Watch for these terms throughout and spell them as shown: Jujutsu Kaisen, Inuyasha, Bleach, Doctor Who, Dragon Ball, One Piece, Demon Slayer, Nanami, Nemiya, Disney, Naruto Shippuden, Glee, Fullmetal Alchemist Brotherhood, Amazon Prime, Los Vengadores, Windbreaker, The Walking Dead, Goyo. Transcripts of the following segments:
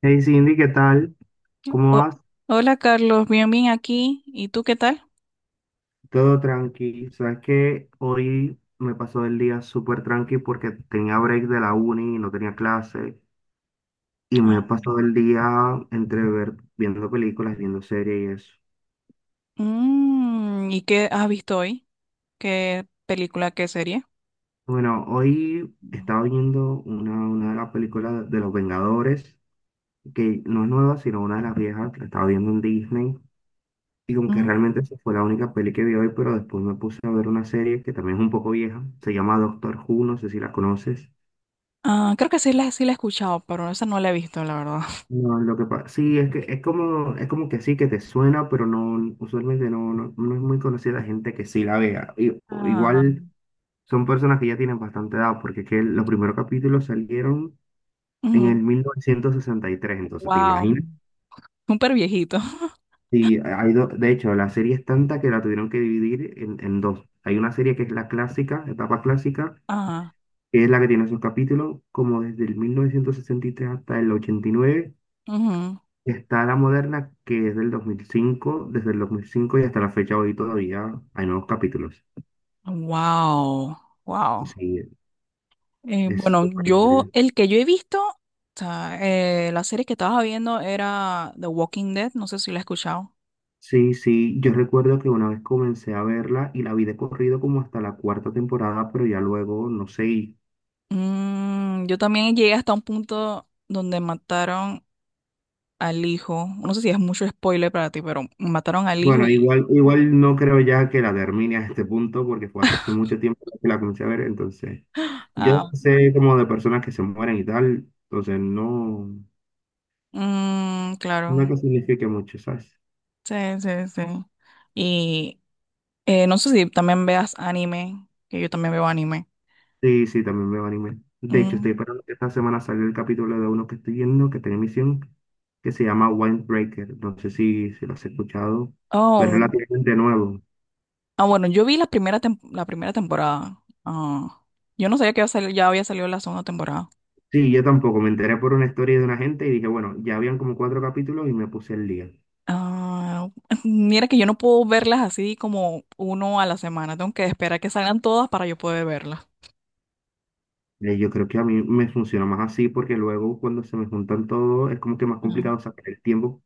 Hey Cindy, ¿qué tal? ¿Cómo Ho- vas? hola Carlos, bien, bien aquí. ¿Y tú qué tal? Todo tranqui. Sabes que hoy me pasó el día súper tranqui porque tenía break de la uni y no tenía clase. Y me he Ah. pasado el día entre ver, viendo películas, viendo series y eso. ¿Y qué has visto hoy? ¿Qué película, qué serie? Bueno, hoy No. estaba viendo una de las películas de Los Vengadores, que no es nueva, sino una de las viejas. La estaba viendo en Disney. Y como que Mm, realmente esa fue la única peli que vi hoy, pero después me puse a ver una serie que también es un poco vieja. Se llama Doctor Who, no sé si la conoces. ah, creo que sí la he escuchado, pero esa no la he visto, la verdad. No, lo que pasa, sí, es que es como que sí, que te suena, pero no, usualmente no es muy conocida la gente que sí la vea. Ah, Igual son personas que ya tienen bastante edad, porque es que los primeros capítulos salieron en ujú. el 1963, entonces te Wow, imaginas. súper viejito. Sí, de hecho, la serie es tanta que la tuvieron que dividir en dos. Hay una serie que es la clásica, etapa clásica, Ajá. que es la que tiene sus capítulos como desde el 1963 hasta el 89. Ujú. Está la moderna que es del 2005, desde el 2005 y hasta la fecha hoy todavía hay nuevos capítulos. Wow, wow. Sí, es Bueno, súper divertido. el que yo he visto, o sea, la serie que estaba viendo era The Walking Dead, no sé si la he escuchado. Sí, sí, yo recuerdo que una vez comencé a verla y la vi de corrido como hasta la cuarta temporada, pero ya luego, no sé, Yo también llegué hasta un punto donde mataron al hijo. No sé si es mucho spoiler para ti, pero mataron al hijo bueno, y... igual, igual no creo ya que la termine a este punto porque fue hace mucho tiempo que la comencé a ver, entonces yo Ah, sé como de personas que se mueren y tal, entonces no, mm, no es claro. que signifique mucho, ¿sabes? Sí, sí, sí. Y no sé si también veas anime, que yo también veo anime. Sí, sí, también veo anime. De hecho, estoy Mm. esperando que esta semana salga el capítulo de uno que estoy viendo, que tiene emisión, que se llama Windbreaker. No sé si lo has escuchado, pero es Oh, relativamente nuevo. ah, bueno, yo vi la primera temporada. Ah, yo no sabía que iba a ya había salido la segunda temporada. Sí, yo tampoco. Me enteré por una historia de una gente y dije, bueno, ya habían como cuatro capítulos y me puse el día. Ah, mira que yo no puedo verlas así como uno a la semana. Tengo que esperar que salgan todas para yo poder verlas. Yo creo que a mí me funciona más así porque luego cuando se me juntan todos es como que más Ah, complicado sacar el tiempo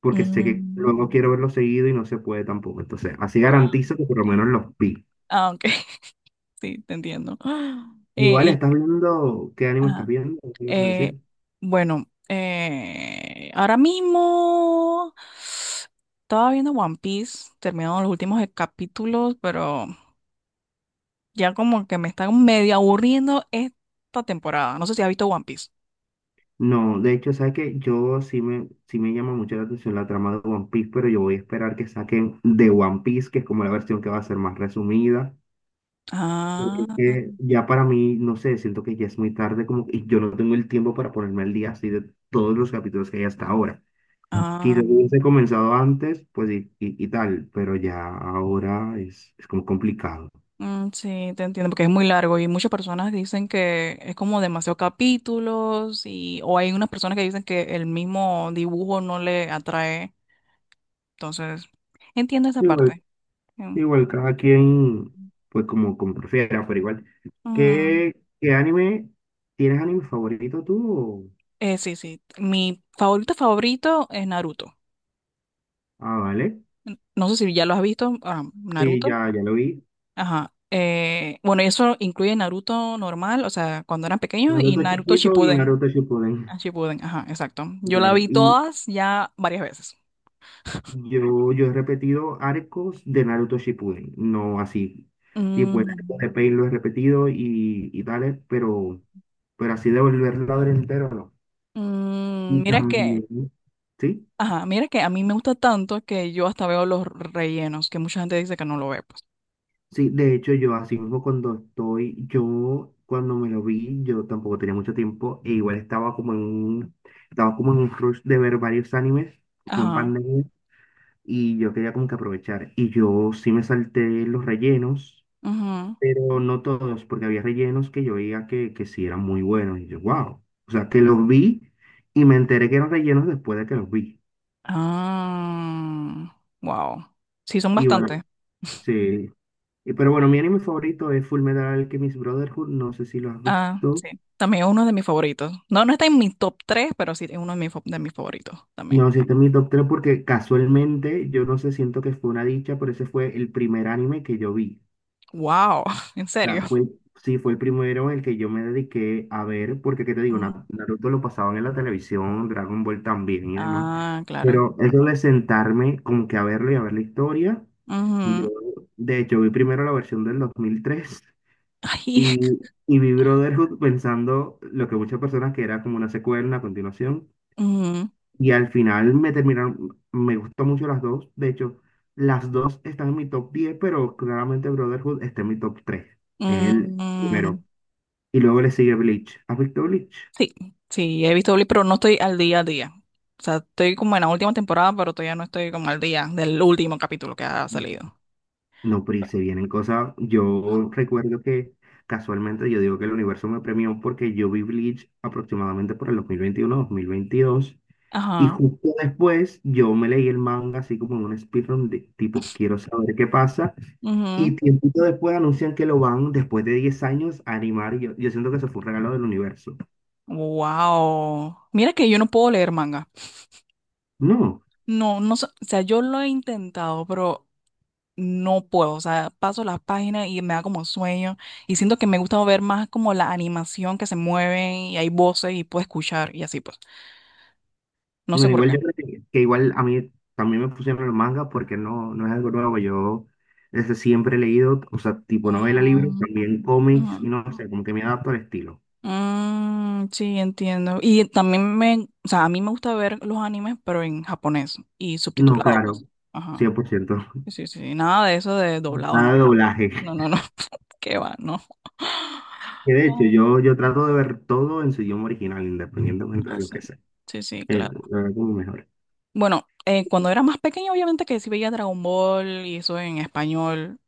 porque sé que mm, luego quiero verlo seguido y no se puede tampoco. Entonces, así ah, garantizo que por lo menos los vi. ah, ok, sí, te entiendo. Igual Y, estás viendo, ¿qué anime estás ajá, viendo? ¿Qué ibas a eh, decir? bueno, ahora mismo estaba viendo One Piece, terminaron los últimos capítulos, pero ya como que me están medio aburriendo esta temporada. No sé si has visto One Piece. No, de hecho, sabes que yo sí me llama mucho la atención la trama de One Piece, pero yo voy a esperar que saquen de One Piece, que es como la versión que va a ser más resumida, porque es Ah, que ya para mí, no sé, siento que ya es muy tarde, como y yo no tengo el tiempo para ponerme al día así de todos los capítulos que hay hasta ahora. ah. Quizás hubiese comenzado antes, pues y tal, pero ya ahora es como complicado. Mm, sí, te entiendo, porque es muy largo y muchas personas dicen que es como demasiados capítulos y o hay unas personas que dicen que el mismo dibujo no le atrae, entonces entiendo esa parte. Mm, Igual cada quien, pues como prefiera, pero igual. mm. ¿Qué, qué anime? ¿Tienes anime favorito tú? Sí, sí, mi favorito favorito es Naruto. Ah, vale. No sé si ya lo has visto, ah, Sí, Naruto. ya lo vi. Ajá. Bueno, eso incluye Naruto normal, o sea, cuando eran pequeños y Naruto Naruto chiquito y Shippuden. Naruto Shippuden. Ah, Shippuden, ajá, exacto. Sí, Yo la claro. vi Y todas ya varias veces. yo he repetido arcos de Naruto Shippuden. No así. Tipo, el arco Mm. de Pain lo he repetido y tales, pero así de volverlo a ver entero, no. Mm, Y mira que, también, ¿sí? ajá, mira que a mí me gusta tanto que yo hasta veo los rellenos, que mucha gente dice que no lo ve, pues. Sí, de hecho yo así mismo cuando yo cuando me lo vi, yo tampoco tenía mucho tiempo e igual estaba como estaba como en un rush de ver varios animes, fue en Ajá. pandemia y yo quería como que aprovechar y yo sí me salté los rellenos, Ujú. pero no todos, porque había rellenos que yo veía que sí eran muy buenos y yo, wow, o sea, que los vi y me enteré que eran rellenos después de que los vi. Ah, wow. Sí, son Y bueno, bastantes. sí, pero bueno, mi anime favorito es Fullmetal Alchemist Brotherhood, no sé si lo has Ah, visto. sí. También es uno de mis favoritos. No, no está en mi top 3, pero sí es uno de de mis favoritos también. No, sí, este es mi top 3 porque casualmente yo no sé, siento que fue una dicha, pero ese fue el primer anime que yo vi. Wow, en O sea, serio. fue, sí, fue el primero en el que yo me dediqué a ver, porque qué te digo, Mm. Naruto lo pasaban en la televisión, Dragon Ball también y demás. Ah, claro. Pero eso de sentarme como que a verlo y a ver la historia, yo Ujú. de hecho vi primero la versión del 2003 Ay. y, y vi Brotherhood pensando lo que muchas personas que era como una secuela, una continuación. ujú, Y al final me terminaron, me gustó mucho las dos. De hecho, las dos están en mi top 10 pero claramente Brotherhood está en mi top tres. El ujú. primero. Y luego le sigue Bleach. ¿Has visto Bleach? Sí, sí, he visto Glee, pero no estoy al día a día. O sea, estoy como en la última temporada, pero todavía no estoy como al día del último capítulo que ha salido. No, pero y se vienen cosas. Yo recuerdo que casualmente yo digo que el universo me premió porque yo vi Bleach aproximadamente por el 2021 2022. Y Ajá. justo después yo me leí el manga así como en un speedrun de tipo, quiero saber qué pasa. Ujú. Y tiempito después anuncian que lo van, después de 10 años, a animar. Y yo siento que eso fue un regalo del universo. Wow. Mira que yo no puedo leer manga. No, No, no, o sea, yo lo he intentado, pero no puedo. O sea, paso las páginas y me da como sueño. Y siento que me gusta ver más como la animación que se mueven y hay voces y puedo escuchar y así pues. No sé bueno, por igual qué. yo creo que igual a mí también me pusieron el manga porque no, no es algo nuevo. Yo desde siempre he leído, o sea, tipo novela, libros, Mm, también cómics, y ujú. no sé, como que me adapto al estilo. Mm, sí, entiendo. Y también o sea, a mí me gusta ver los animes, pero en japonés y No, subtitulado, claro, pues. Ajá. 100%. Sí, sí, sí, nada de eso de doblado, no. Nada de doblaje. No, no, no. Qué va, no. Que de hecho, Ah, yo trato de ver todo en su idioma original, independientemente de lo sí. que sea. Sí, sí, Eh, claro. lo veo como mejor. Bueno, cuando era más pequeña, obviamente que sí veía Dragon Ball y eso en español,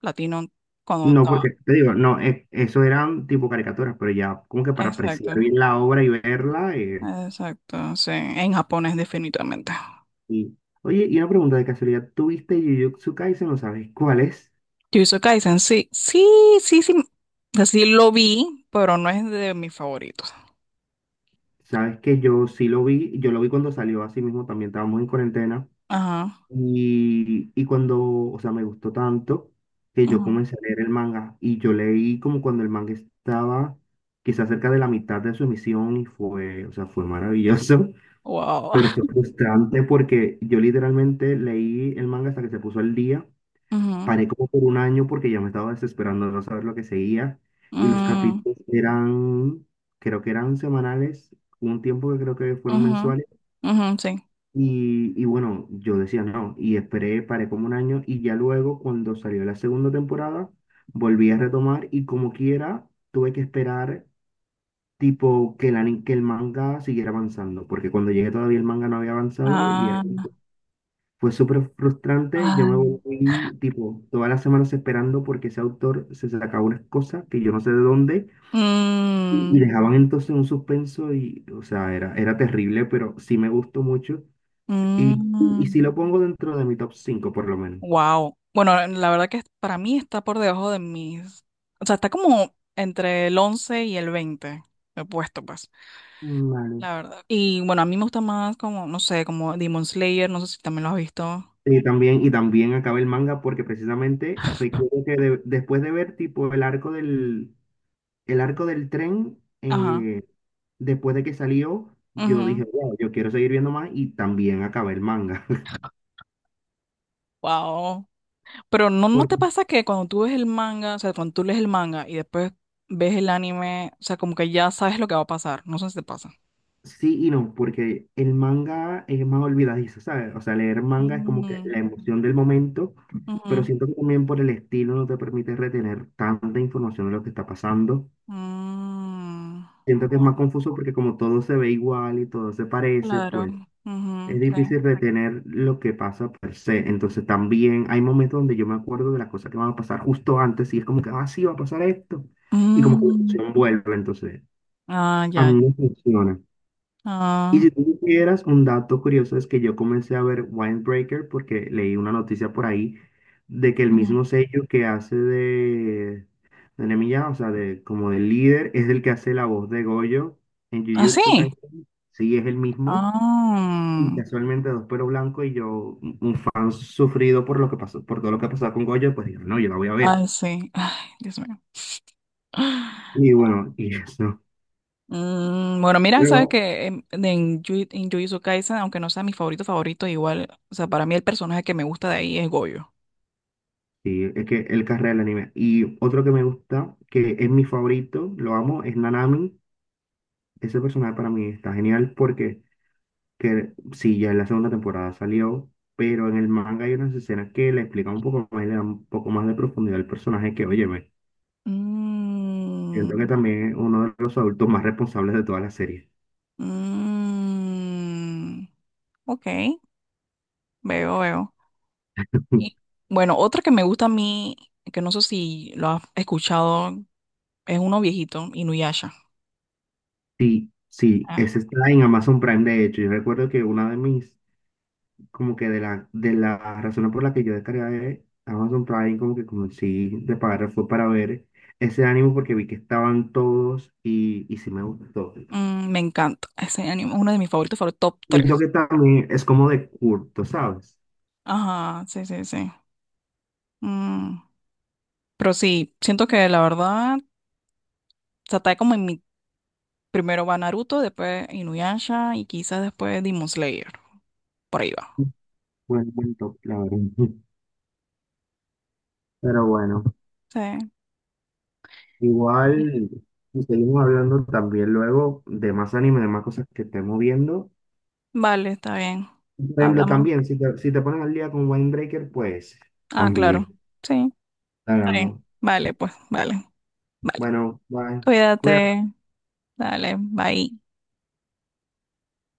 latino, cuando No, estaba. porque te digo, no, eso eran tipo caricaturas, pero ya como que para apreciar Exacto, bien la obra y verla. Exacto, sí, en japonés definitivamente. y, Oye, y una pregunta de casualidad, ¿tú viste Jujutsu Kaisen o sabes cuál es? Jujutsu Kaisen, sí, sí, sí, sí. Así lo vi, pero no es de mis favoritos. Sabes que yo sí lo vi, yo lo vi cuando salió, así mismo también estábamos en cuarentena. Ajá. Y, y cuando, o sea, me gustó tanto que yo Ujú, comencé a leer el manga y yo leí como cuando el manga estaba quizás cerca de la mitad de su emisión y fue, o sea, fue maravilloso, wow. pero fue frustrante porque yo literalmente leí el manga hasta que se puso al día, Ujú, paré como por un año porque ya me estaba desesperando de no saber lo que seguía y los mm, capítulos eran, creo que eran semanales, hubo un tiempo que creo que fueron ujú, mensuales ujú, sí. y bueno, yo decía no, y esperé, paré como un año y ya luego cuando salió la segunda temporada, volví a retomar y como quiera, tuve que esperar tipo que que el manga siguiera avanzando, porque cuando llegué todavía el manga no había avanzado y Ah, fue súper frustrante, yo me ay, volví tipo todas las semanas esperando porque ese autor se sacaba unas cosas que yo no sé de dónde y mm, dejaban entonces un suspenso y, o sea, era, era terrible, pero sí me gustó mucho. Y si mm, lo pongo dentro de mi top 5 por lo menos. wow. Bueno, la verdad que para mí está por debajo de mis. O sea, está como entre el 11 y el 20. He puesto, pues. Vale. La verdad. Y bueno, a mí me gusta más como, no sé, como Demon Slayer, no sé si también lo has visto. Y también acaba el manga porque precisamente recuerdo que después de ver tipo el arco del tren, Ajá. Después de que salió, yo Ujú. dije, wow, yo quiero seguir viendo más y también acabé el manga. Wow. Pero no, ¿no te Porque, pasa que cuando tú ves el manga, o sea, cuando tú lees el manga y después ves el anime, o sea, como que ya sabes lo que va a pasar? No sé si te pasa. sí y no, porque el manga es más olvidadizo, ¿sabes? O sea, leer manga es como que Mm, la emoción del momento, pero ujú, siento que también por el estilo no te permite retener tanta información de lo que está pasando. mm. Siento que es Wow. más confuso porque como todo se ve igual y todo se parece, Claro. pues Ujú, es sí. difícil retener lo que pasa per se. Entonces también hay momentos donde yo me acuerdo de las cosas que van a pasar justo antes y es como que, ah, sí, va a pasar esto. Y como que la Mm, emoción vuelve, entonces ah, a mí ya. me funciona. Y Ah, si tú supieras, un dato curioso es que yo comencé a ver Windbreaker porque leí una noticia por ahí de que el ujú. mismo sello que hace de Nemiya, o sea, de, como del líder, es el que hace la voz de Goyo en Ah, sí. Jujutsu Kaisen. Sí, es el mismo. Y Ah, casualmente dos pero blanco y yo, un fan sufrido por lo que pasó, por todo lo que ha pasado con Goyo, pues digo, no, yo la voy a ver. ay, sí. Ay, Dios mío. Y bueno, y eso. Bueno, mira, sabes Luego, que en, de- en, Yu- en Jujutsu Kaisen, aunque no sea mi favorito favorito, igual, o sea, para mí el personaje que me gusta de ahí es Goyo. sí, es que el carrera del anime. Y otro que me gusta, que es mi favorito, lo amo, es Nanami. Ese personaje para mí está genial porque que, sí, ya en la segunda temporada salió, pero en el manga hay unas escenas que le explican un poco más, y le dan un poco más de profundidad al personaje que, óyeme, siento que Mm, también es uno de los adultos más responsables de toda la serie. mm, ok, veo, veo. Y, Bueno, otra que me gusta a mí, que no sé si lo has escuchado, es uno viejito, Inuyasha. Sí, sí, Ah, ese está en Amazon Prime, de hecho. Yo recuerdo que una de mis como que de de la razón por la que yo descargué Amazon Prime, como que sí de pagar fue para ver ese ánimo porque vi que estaban todos y sí me gustó. Me encanta. Ese anime es uno de mis favoritos, fue el top Siento tres. que también es como de culto, ¿sabes? Ajá, sí, sí, sí. Mm, pero sí, siento que la verdad, se está como en mi. Primero va Naruto, después Inuyasha y quizás después Demon Slayer. Por ahí va. Buen top, la verdad. Pero bueno, Sí. Vale, igual si seguimos hablando también luego de más anime, de más cosas que estemos viendo. vale, está bien. Por ejemplo, Hablamos. también, si te pones al día con Winebreaker, pues Ah, claro. también Sí, está bien. hablamos. Vale, pues, vale, vale. Bueno, bye. Cuídate. Cuídate. Dale, bye.